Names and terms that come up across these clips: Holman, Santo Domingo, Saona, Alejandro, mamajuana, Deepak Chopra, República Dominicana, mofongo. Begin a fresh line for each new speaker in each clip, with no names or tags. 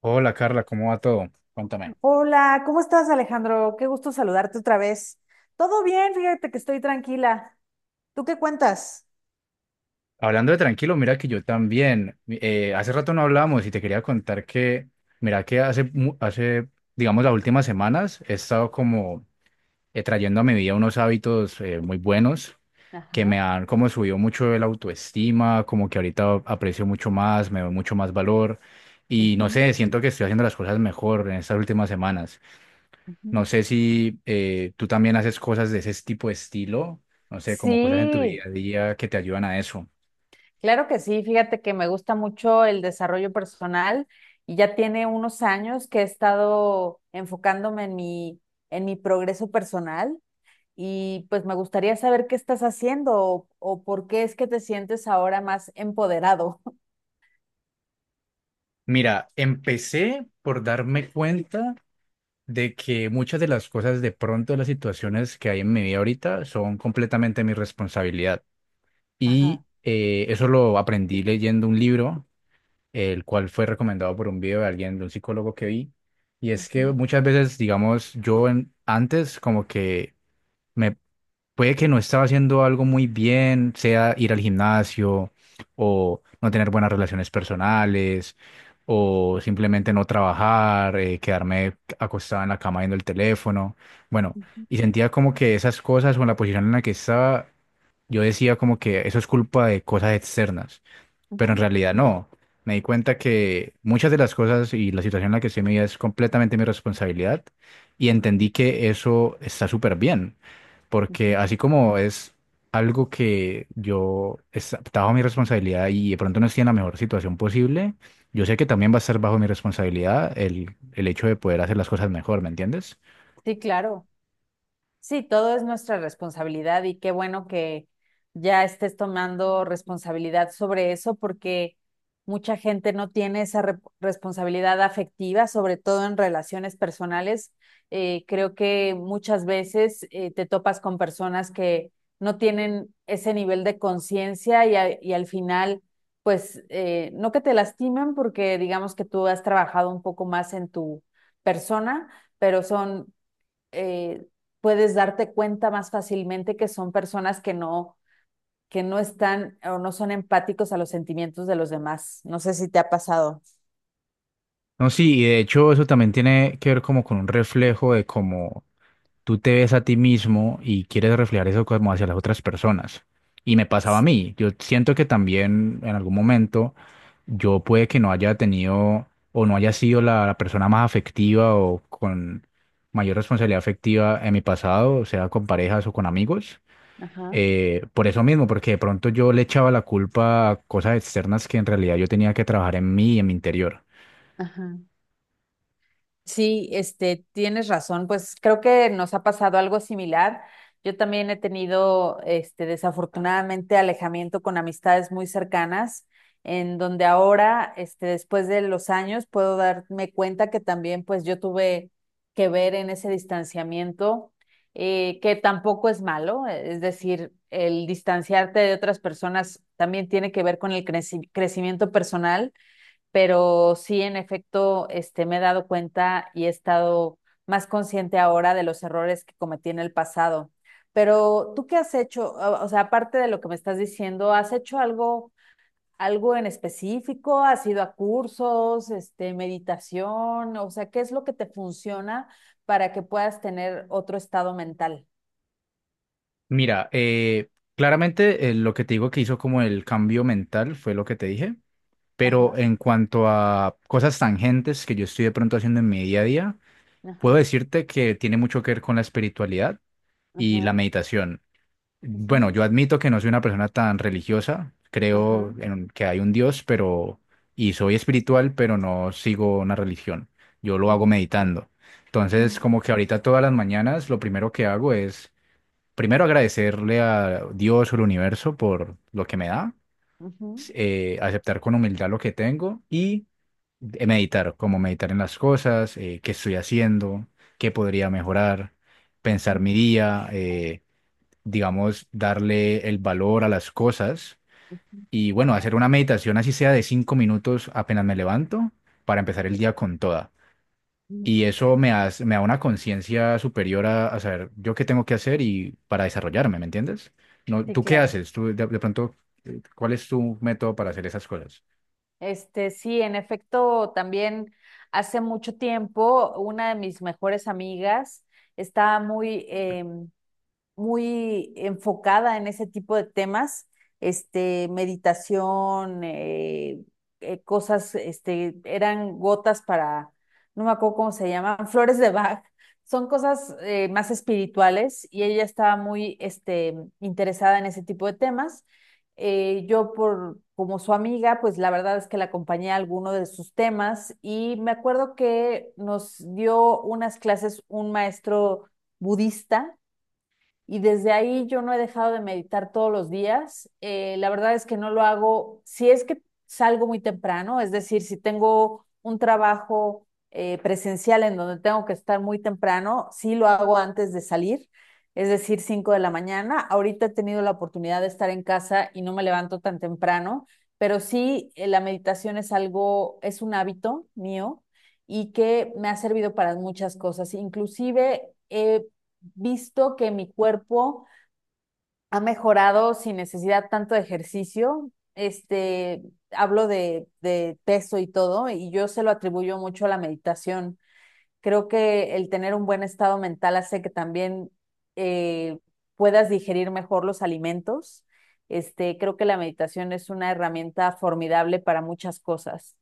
Hola Carla, ¿cómo va todo? Cuéntame.
Hola, ¿cómo estás, Alejandro? Qué gusto saludarte otra vez. Todo bien, fíjate que estoy tranquila. ¿Tú qué cuentas?
Hablando de tranquilo, mira que yo también, hace rato no hablamos y te quería contar que, mira que hace, digamos, las últimas semanas he estado como trayendo a mi vida unos hábitos muy buenos que me
Ajá.
han como subido mucho el autoestima, como que ahorita aprecio mucho más, me doy mucho más valor y no
Ujú,
sé, siento que estoy haciendo las cosas mejor en estas últimas semanas. No
ujú.
sé si tú también haces cosas de ese tipo de estilo, no sé, como cosas en tu día
Sí,
a día que te ayudan a eso.
claro que sí. Fíjate que me gusta mucho el desarrollo personal y ya tiene unos años que he estado enfocándome en mi progreso personal y pues me gustaría saber qué estás haciendo o por qué es que te sientes ahora más empoderado.
Mira, empecé por darme cuenta de que muchas de las cosas, de pronto, las situaciones que hay en mi vida ahorita son completamente mi responsabilidad.
Ajá.
Y eso lo aprendí leyendo un libro, el cual fue recomendado por un video de alguien, de un psicólogo que vi. Y es que
Ujú,
muchas veces, digamos, antes como que... Me, puede que no estaba haciendo algo muy bien, sea ir al gimnasio o no tener buenas relaciones personales o simplemente no trabajar, quedarme acostado en la cama viendo el teléfono. Bueno,
ujú,
y sentía como que esas cosas o en la posición en la que estaba, yo decía como que eso es culpa de cosas externas, pero en
ujú,
realidad no. Me di cuenta que muchas de las cosas y la situación en la que estoy en mi vida es completamente mi responsabilidad y entendí que eso está súper bien porque
ujú.
así como es algo que yo está bajo mi responsabilidad y de pronto no estoy en la mejor situación posible, yo sé que también va a estar bajo mi responsabilidad el hecho de poder hacer las cosas mejor, ¿me entiendes?
Sí, claro. Sí, todo es nuestra responsabilidad y qué bueno que ya estés tomando responsabilidad sobre eso porque mucha gente no tiene esa responsabilidad afectiva, sobre todo en relaciones personales. Creo que muchas veces te topas con personas que no tienen ese nivel de conciencia y, y al final, pues, no que te lastiman porque digamos que tú has trabajado un poco más en tu persona, pero son, eh, puedes darte cuenta más fácilmente que son personas que no están o no son empáticos a los sentimientos de los demás. No sé si te ha pasado.
No, sí, y de hecho eso también tiene que ver como con un reflejo de cómo tú te ves a ti mismo y quieres reflejar eso como hacia las otras personas. Y me pasaba a mí. Yo siento que también en algún momento yo puede que no haya tenido o no haya sido la persona más afectiva o con mayor responsabilidad afectiva en mi pasado, o sea con parejas o con amigos.
Ajá,
Por eso mismo, porque de pronto yo le echaba la culpa a cosas externas que en realidad yo tenía que trabajar en mí y en mi interior.
ajá. Sí, este, tienes razón. Pues creo que nos ha pasado algo similar. Yo también he tenido, este, desafortunadamente, alejamiento con amistades muy cercanas, en donde ahora, este, después de los años, puedo darme cuenta que también, pues, yo tuve que ver en ese distanciamiento, que tampoco es malo. Es decir, el distanciarte de otras personas también tiene que ver con el crecimiento personal, pero sí, en efecto, este, me he dado cuenta y he estado más consciente ahora de los errores que cometí en el pasado. Pero tú qué has hecho, o sea, aparte de lo que me estás diciendo, ¿has hecho algo, algo en específico? ¿Has ido a cursos, este, meditación? O sea, ¿qué es lo que te funciona para que puedas tener otro estado mental?
Mira, claramente lo que te digo que hizo como el cambio mental fue lo que te dije. Pero
Ajá,
en cuanto a cosas tangentes que yo estoy de pronto haciendo en mi día a día,
ajá,
puedo decirte que tiene mucho que ver con la espiritualidad y la
ajá,
meditación. Bueno,
ujú,
yo admito que no soy una persona tan religiosa,
ajá,
creo en que hay un Dios, pero y soy espiritual, pero no sigo una religión. Yo lo hago
ujú,
meditando.
ujú,
Entonces, como que ahorita todas las mañanas lo primero que hago es primero agradecerle a Dios o al universo por lo que me da,
ujú,
aceptar con humildad lo que tengo y de meditar, como meditar en las cosas, qué estoy haciendo, qué podría mejorar, pensar mi
ujú,
día, digamos, darle el valor a las cosas
ujú,
y bueno, hacer una meditación así sea de cinco minutos apenas me levanto para empezar el día con toda.
ujú.
Y eso me da una conciencia superior a saber yo qué tengo que hacer y para desarrollarme, ¿me entiendes? No,
Sí,
¿tú qué
claro.
haces? Tú, de pronto, ¿cuál es tu método para hacer esas cosas?
Este, sí, en efecto, también hace mucho tiempo una de mis mejores amigas estaba muy enfocada en ese tipo de temas, este, meditación, cosas, este, eran gotas para, no me acuerdo cómo se llaman, flores de Bach. Son cosas, más espirituales, y ella estaba muy este, interesada en ese tipo de temas. Yo por como su amiga, pues la verdad es que la acompañé a alguno de sus temas y me acuerdo que nos dio unas clases un maestro budista y desde ahí yo no he dejado de meditar todos los días. La verdad es que no lo hago, si es que salgo muy temprano, es decir, si tengo un trabajo presencial en donde tengo que estar muy temprano, sí lo hago antes de salir, es decir, 5 de la mañana. Ahorita he tenido la oportunidad de estar en casa y no me levanto tan temprano, pero sí, la meditación es algo, es un hábito mío y que me ha servido para muchas cosas, Visto que mi cuerpo ha mejorado sin necesidad tanto de ejercicio. Este, hablo de peso y todo, y yo se lo atribuyo mucho a la meditación. Creo que el tener un buen estado mental hace que también eh, puedas digerir mejor los alimentos. Este, creo que la meditación es una herramienta formidable para muchas cosas.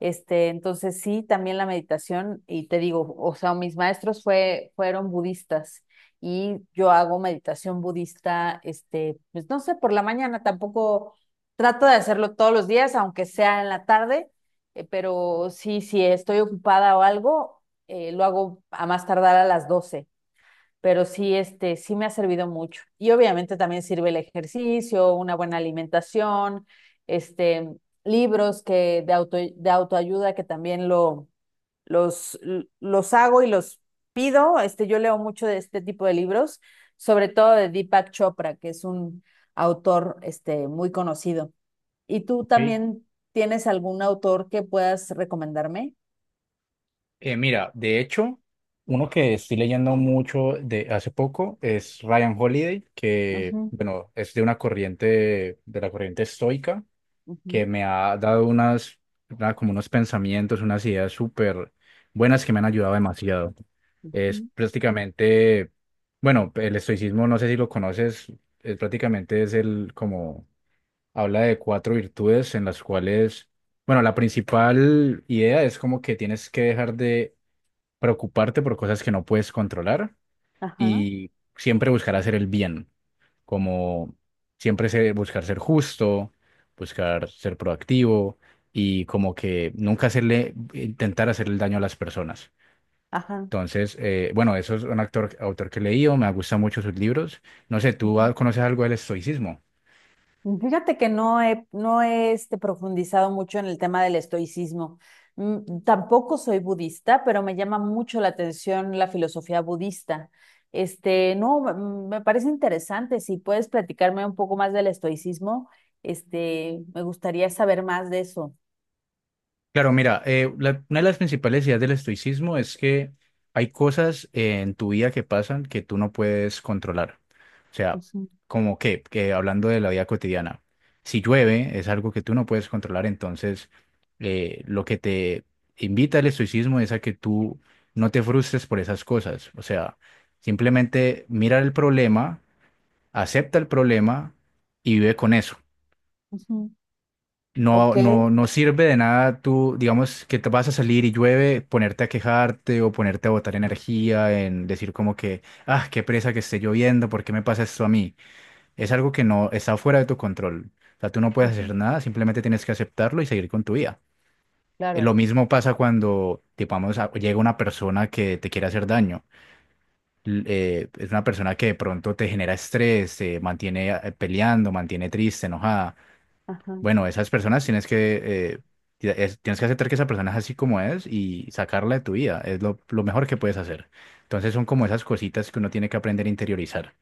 Este, entonces sí, también la meditación, y te digo, o sea, mis maestros fueron budistas y yo hago meditación budista, este, pues no sé, por la mañana tampoco trato de hacerlo todos los días, aunque sea en la tarde, pero sí, si estoy ocupada o algo, lo hago a más tardar a las 12, pero sí, este, sí me ha servido mucho. Y obviamente también sirve el ejercicio, una buena alimentación, este, libros que de autoayuda que también los, los hago y los pido. Este, yo leo mucho de este tipo de libros, sobre todo de Deepak Chopra, que es un autor este, muy conocido. ¿Y tú
Ok.
también tienes algún autor que puedas recomendarme?
Mira, de hecho, uno que estoy leyendo mucho de hace poco es Ryan Holiday, que,
Ujú,
bueno, es de una corriente, de la corriente estoica, que
ujú,
me ha dado como unos pensamientos, unas ideas súper buenas que me han ayudado demasiado. Es
ujú.
prácticamente, bueno, el estoicismo, no sé si lo conoces, es prácticamente es el, como, habla de cuatro virtudes en las cuales... Bueno, la principal idea es como que tienes que dejar de preocuparte por cosas que no puedes controlar
Ajá.
y siempre buscar hacer el bien, como buscar ser justo, buscar ser proactivo y como que nunca hacerle, intentar hacerle el daño a las personas.
Ajá.
Entonces, bueno, eso es autor que he leído, me gustan mucho sus libros. No sé, ¿tú
Ujú.
conoces algo del estoicismo?
Fíjate que no he este, profundizado mucho en el tema del estoicismo. Tampoco soy budista, pero me llama mucho la atención la filosofía budista. Este, no, me parece interesante. Si puedes platicarme un poco más del estoicismo, este, me gustaría saber más de eso.
Claro, mira, una de las principales ideas del estoicismo es que hay cosas en tu vida que pasan que tú no puedes controlar. O sea,
Ujú,
como que hablando de la vida cotidiana, si llueve es algo que tú no puedes controlar, entonces lo que te invita el estoicismo es a que tú no te frustres por esas cosas. O sea, simplemente mira el problema, acepta el problema y vive con eso.
ujú. Ok.
No sirve de nada tú, digamos, que te vas a salir y llueve, ponerte a quejarte o ponerte a botar energía en decir como que, ah, qué presa que esté lloviendo, ¿por qué me pasa esto a mí? Es algo que no está fuera de tu control. O sea, tú no puedes
Ujú,
hacer nada, simplemente tienes que aceptarlo y seguir con tu vida. Lo
claro.
mismo pasa cuando, digamos, llega una persona que te quiere hacer daño. Es una persona que de pronto te genera estrés, te mantiene peleando, mantiene triste, enojada.
Ajá.
Bueno, esas personas tienes que aceptar que esa persona es así como es y sacarla de tu vida. Es lo mejor que puedes hacer. Entonces son como esas cositas que uno tiene que aprender a interiorizar.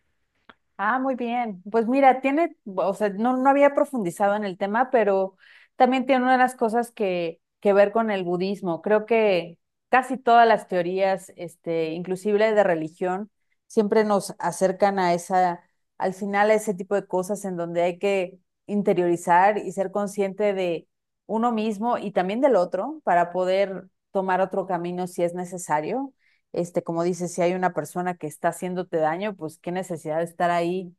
Ah, muy bien. Pues mira, tiene, o sea, no, no había profundizado en el tema, pero también tiene una de las cosas que ver con el budismo. Creo que casi todas las teorías, este, inclusive de religión, siempre nos acercan a esa, al final a ese tipo de cosas en donde hay que interiorizar y ser consciente de uno mismo y también del otro para poder tomar otro camino si es necesario. Este, como dices, si hay una persona que está haciéndote daño, pues qué necesidad de estar ahí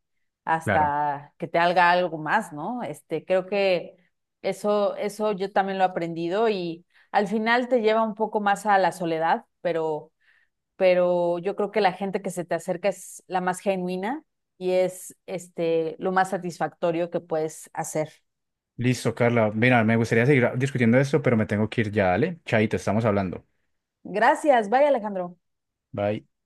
Claro.
hasta que te haga algo más, ¿no? Este, creo que eso yo también lo he aprendido y al final te lleva un poco más a la soledad, pero yo creo que la gente que se te acerca es la más genuina y es este lo más satisfactorio que puedes hacer.
Listo, Carla. Mira, me gustaría seguir discutiendo esto, pero me tengo que ir ya, ¿vale? Chaito, estamos hablando.
Gracias, bye Alejandro.
Bye.